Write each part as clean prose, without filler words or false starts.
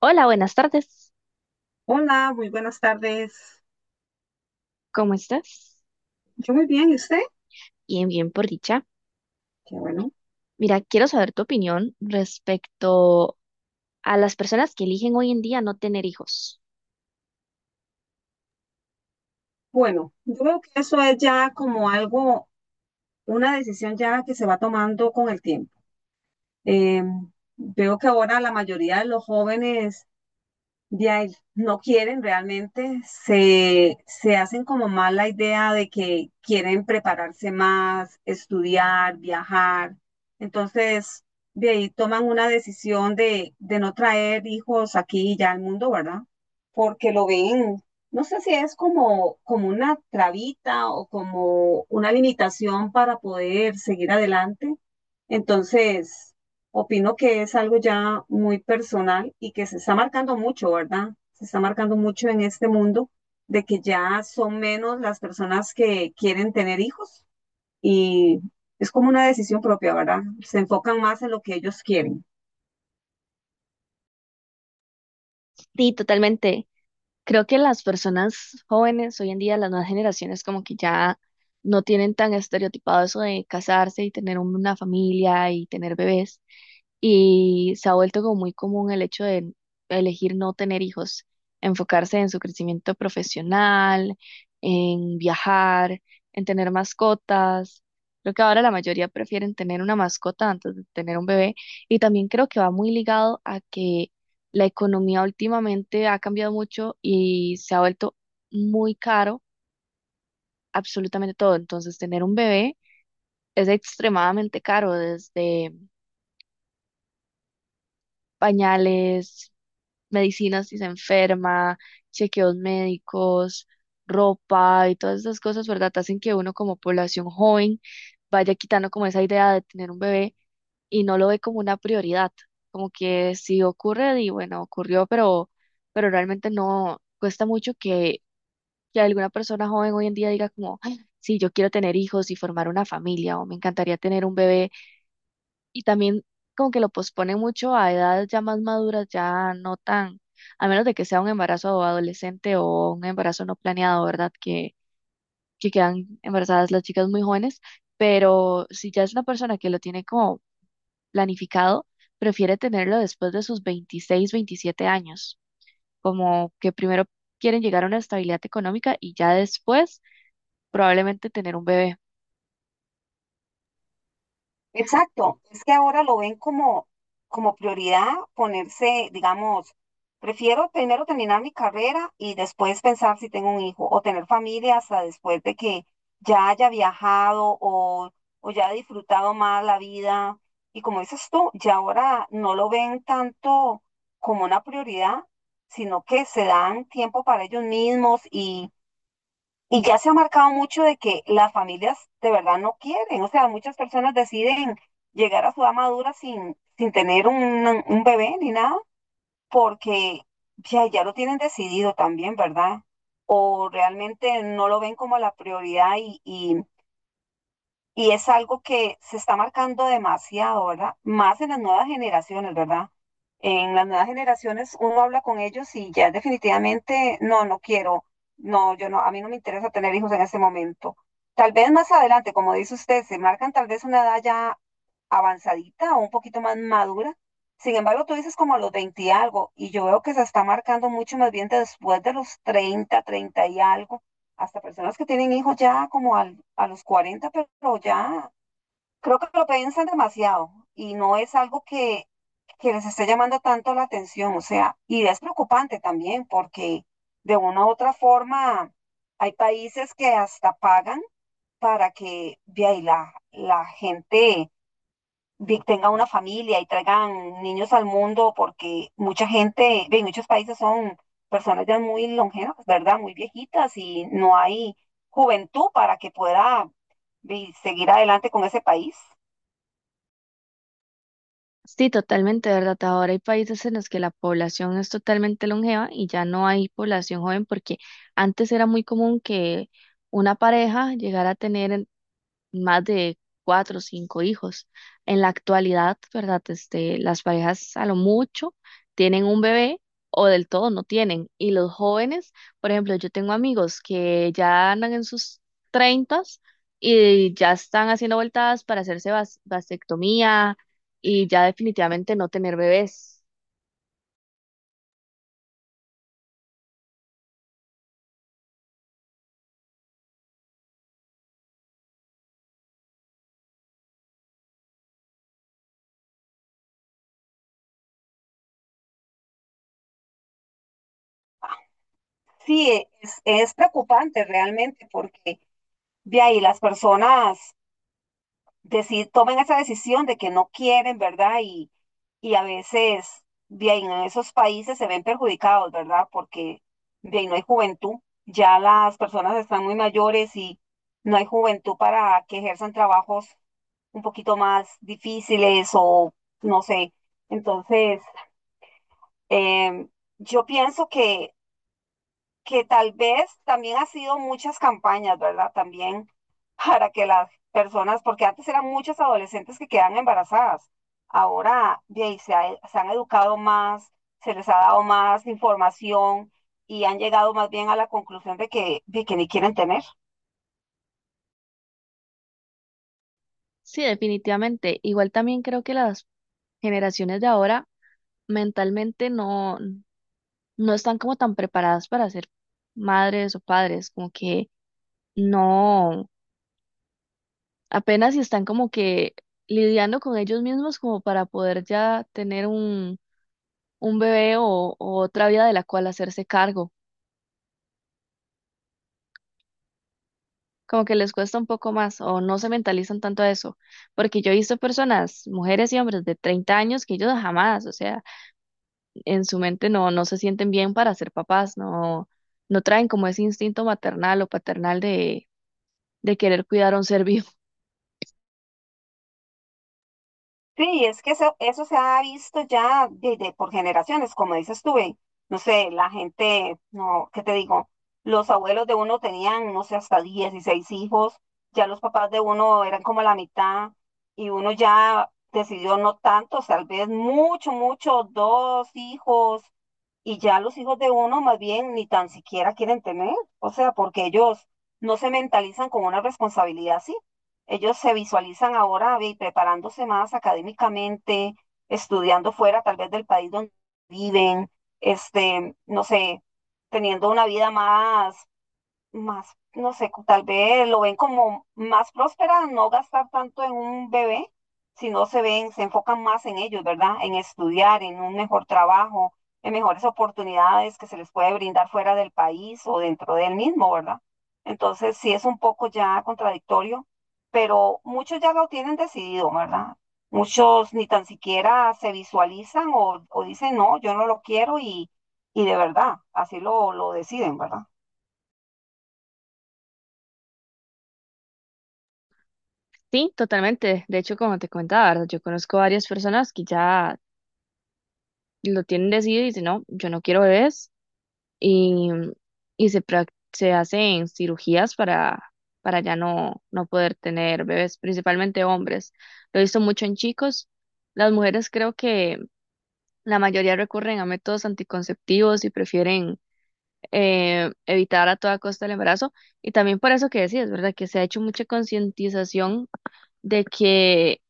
Hola, buenas tardes. Hola, muy buenas tardes. ¿Cómo estás? Yo muy bien, ¿y usted? Bien, bien, por dicha. Qué bueno. Mira, quiero saber tu opinión respecto a las personas que eligen hoy en día no tener hijos. Bueno, yo creo que eso es ya como algo, una decisión ya que se va tomando con el tiempo. Eh, Veo que ahora la mayoría de los jóvenes de ahí no quieren realmente, se hacen como más la idea de que quieren prepararse más, estudiar, viajar. Entonces, de ahí toman una decisión de no traer hijos aquí y ya al mundo, ¿verdad? Porque lo ven, no sé si es como, como una trabita o como una limitación para poder seguir adelante entonces, opino que es algo ya muy personal y que se está marcando mucho, ¿verdad? Se está marcando mucho en este mundo de que ya son menos las personas que quieren tener hijos y es como una decisión propia, ¿verdad? Se enfocan más en lo que ellos quieren. Sí, totalmente. Creo que las personas jóvenes hoy en día, las nuevas generaciones, como que ya no tienen tan estereotipado eso de casarse y tener una familia y tener bebés. Y se ha vuelto como muy común el hecho de elegir no tener hijos, enfocarse en su crecimiento profesional, en viajar, en tener mascotas. Creo que ahora la mayoría prefieren tener una mascota antes de tener un bebé. Y también creo que va muy ligado a que la economía últimamente ha cambiado mucho y se ha vuelto muy caro absolutamente todo. Entonces, tener un bebé es extremadamente caro, desde pañales, medicinas si se enferma, chequeos médicos, ropa y todas esas cosas, ¿verdad? Hacen que uno como población joven vaya quitando como esa idea de tener un bebé y no lo ve como una prioridad. Como que si ocurre, y bueno, ocurrió, pero realmente no cuesta mucho que alguna persona joven hoy en día diga como, "Ay, sí, yo quiero tener hijos y formar una familia o me encantaría tener un bebé y también como que lo pospone mucho a edades ya más maduras, ya no tan, a menos de que sea un embarazo adolescente o un embarazo no planeado, ¿verdad? Que quedan embarazadas las chicas muy jóvenes, pero si ya es una persona que lo tiene como planificado, prefiere tenerlo después de sus 26, 27 años, como que primero quieren llegar a una estabilidad económica y ya después probablemente tener un bebé. Exacto, es que ahora lo ven como, como prioridad ponerse, digamos, prefiero primero terminar mi carrera y después pensar si tengo un hijo o tener familia hasta después de que ya haya viajado o ya haya disfrutado más la vida. Y como dices tú, ya ahora no lo ven tanto como una prioridad, sino que se dan tiempo para ellos mismos y ya se ha marcado mucho de que las familias de verdad no quieren, o sea, muchas personas deciden llegar a su edad madura sin, sin tener un bebé ni nada, porque ya lo tienen decidido también, ¿verdad? O realmente no lo ven como la prioridad y y es algo que se está marcando demasiado, ¿verdad? Más en las nuevas generaciones, ¿verdad? En las nuevas generaciones uno habla con ellos y ya definitivamente, no, no quiero, no, yo no, a mí no me interesa tener hijos en este momento. Tal vez más adelante, como dice usted, se marcan tal vez una edad ya avanzadita o un poquito más madura. Sin embargo, tú dices como a los 20 y algo, y yo veo que se está marcando mucho más bien después de los 30, 30 y algo hasta personas que tienen hijos ya como a los 40 pero ya creo que lo piensan demasiado y no es algo que les esté llamando tanto la atención, o sea, y es preocupante también porque de una u otra forma hay países que hasta pagan para que vea, y la gente tengan una familia y traigan niños al mundo, porque mucha gente, ve, en muchos países son personas ya muy longevas, ¿verdad? Muy viejitas y no hay juventud para que pueda ve, seguir adelante con ese país. Sí, totalmente, ¿verdad? Ahora hay países en los que la población es totalmente longeva y ya no hay población joven porque antes era muy común que una pareja llegara a tener más de cuatro o cinco hijos. En la actualidad, ¿verdad? Este, las parejas a lo mucho tienen un bebé o del todo no tienen. Y los jóvenes, por ejemplo, yo tengo amigos que ya andan en sus treintas y ya están haciendo vueltas para hacerse vasectomía y ya definitivamente no tener bebés. Sí, es preocupante realmente porque ve ahí las personas tomen esa decisión de que no quieren, ¿verdad? Y a veces, bien, en esos países se ven perjudicados, ¿verdad? Porque, bien, no hay juventud, ya las personas están muy mayores y no hay juventud para que ejerzan trabajos un poquito más difíciles o, no sé. Entonces, em, yo pienso que tal vez también ha sido muchas campañas, ¿verdad? También para que las personas, porque antes eran muchas adolescentes que quedan embarazadas, ahora de ahí, se han educado más, se les ha dado más información y han llegado más bien a la conclusión de que ni quieren tener. Sí, definitivamente. Igual también creo que las generaciones de ahora mentalmente no están como tan preparadas para ser madres o padres, como que no, apenas si están como que lidiando con ellos mismos como para poder ya tener un bebé o otra vida de la cual hacerse cargo. Como que les cuesta un poco más o no se mentalizan tanto a eso, porque yo he visto personas, mujeres y hombres de 30 años que ellos jamás, o sea, en su mente no, no se sienten bien para ser papás, no, no traen como ese instinto maternal o paternal de querer cuidar a un ser vivo. Sí, es que eso se ha visto ya por generaciones, como dices tú, ve, no sé, la gente, no, ¿qué te digo? Los abuelos de uno tenían, no sé, hasta 16 hijos, ya los papás de uno eran como la mitad y uno ya decidió no tantos, tal vez mucho, dos hijos, y ya los hijos de uno más bien ni tan siquiera quieren tener, o sea, porque ellos no se mentalizan con una responsabilidad así. Ellos se visualizan ahora ve, preparándose más académicamente, estudiando fuera tal vez del país donde viven, este, no sé, teniendo una vida más, no sé, tal vez lo ven como más próspera, no gastar tanto en un bebé, sino se ven, se enfocan más en ellos, ¿verdad? En estudiar, en un mejor trabajo, en mejores oportunidades que se les puede brindar fuera del país o dentro del mismo, ¿verdad? Entonces, sí es un poco ya contradictorio, pero muchos ya lo tienen decidido, ¿verdad? Muchos ni tan siquiera se visualizan o dicen, no, yo no lo quiero y de verdad, así lo deciden, ¿verdad? Sí, totalmente. De hecho, como te comentaba, ¿verdad? Yo conozco varias personas que ya lo tienen decidido y dicen, no, yo no quiero bebés y, y se hacen cirugías para ya no poder tener bebés, principalmente hombres. Lo he visto mucho en chicos. Las mujeres creo que la mayoría recurren a métodos anticonceptivos y prefieren evitar a toda costa el embarazo. Y también por eso que decías, ¿verdad? Que se ha hecho mucha concientización de que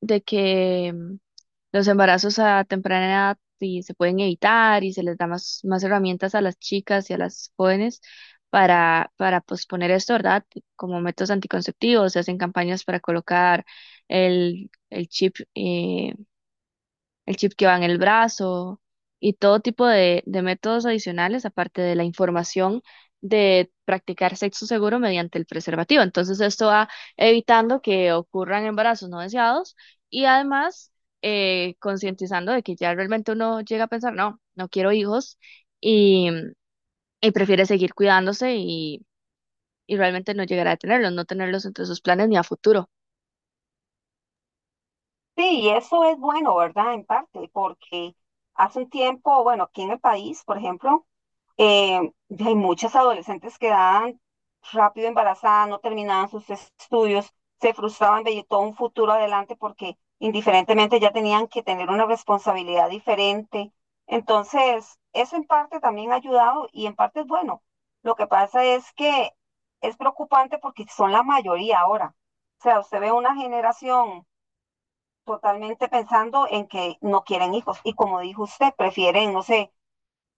de que mm, los embarazos a temprana edad y se pueden evitar y se les da más herramientas a las chicas y a las jóvenes para posponer esto, ¿verdad? Como métodos anticonceptivos, se hacen campañas para colocar el chip, el chip que va en el brazo y todo tipo de métodos adicionales, aparte de la información de practicar sexo seguro mediante el preservativo. Entonces, esto va evitando que ocurran embarazos no deseados y además concientizando de que ya realmente uno llega a pensar, no, no quiero hijos y, y prefiere seguir cuidándose y realmente no llegar a tenerlos, no tenerlos entre sus planes ni a futuro. Sí, y eso es bueno, ¿verdad? En parte, porque hace un tiempo, bueno, aquí en el país, por ejemplo, eh, hay muchas adolescentes que quedaban rápido embarazadas, no terminaban sus estudios, se frustraban, veía todo un futuro adelante porque indiferentemente ya tenían que tener una responsabilidad diferente. Entonces, eso en parte también ha ayudado y en parte es bueno. Lo que pasa es que es preocupante porque son la mayoría ahora. O sea, usted ve una generación totalmente pensando en que no quieren hijos y como dijo usted, prefieren, no sé,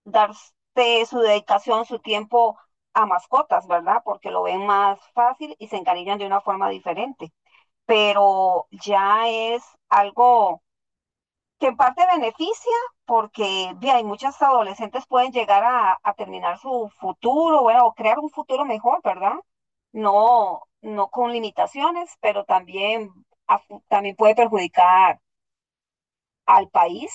darse su dedicación, su tiempo a mascotas, ¿verdad? Porque lo ven más fácil y se encariñan de una forma diferente. Pero ya es algo que en parte beneficia porque bien, hay muchas adolescentes pueden llegar a terminar su futuro, bueno, o crear un futuro mejor, ¿verdad? No, no con limitaciones, pero también, también puede perjudicar al país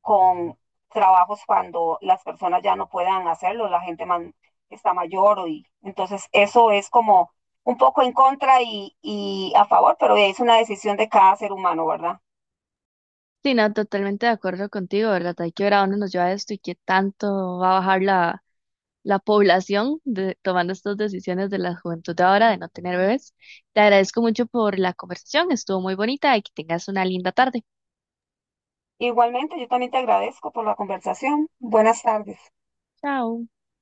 con trabajos cuando las personas ya no puedan hacerlo, la gente está mayor o y entonces eso es como un poco en contra y a favor, pero es una decisión de cada ser humano, ¿verdad? Sí, no, totalmente de acuerdo contigo, ¿verdad? Hay que ver a dónde nos lleva esto y qué tanto va a bajar la población de- tomando estas decisiones de la juventud de ahora de no tener bebés. Te agradezco mucho por la conversación, estuvo muy bonita y que tengas una linda tarde. Igualmente, yo también te agradezco por la conversación. Buenas tardes. Chao.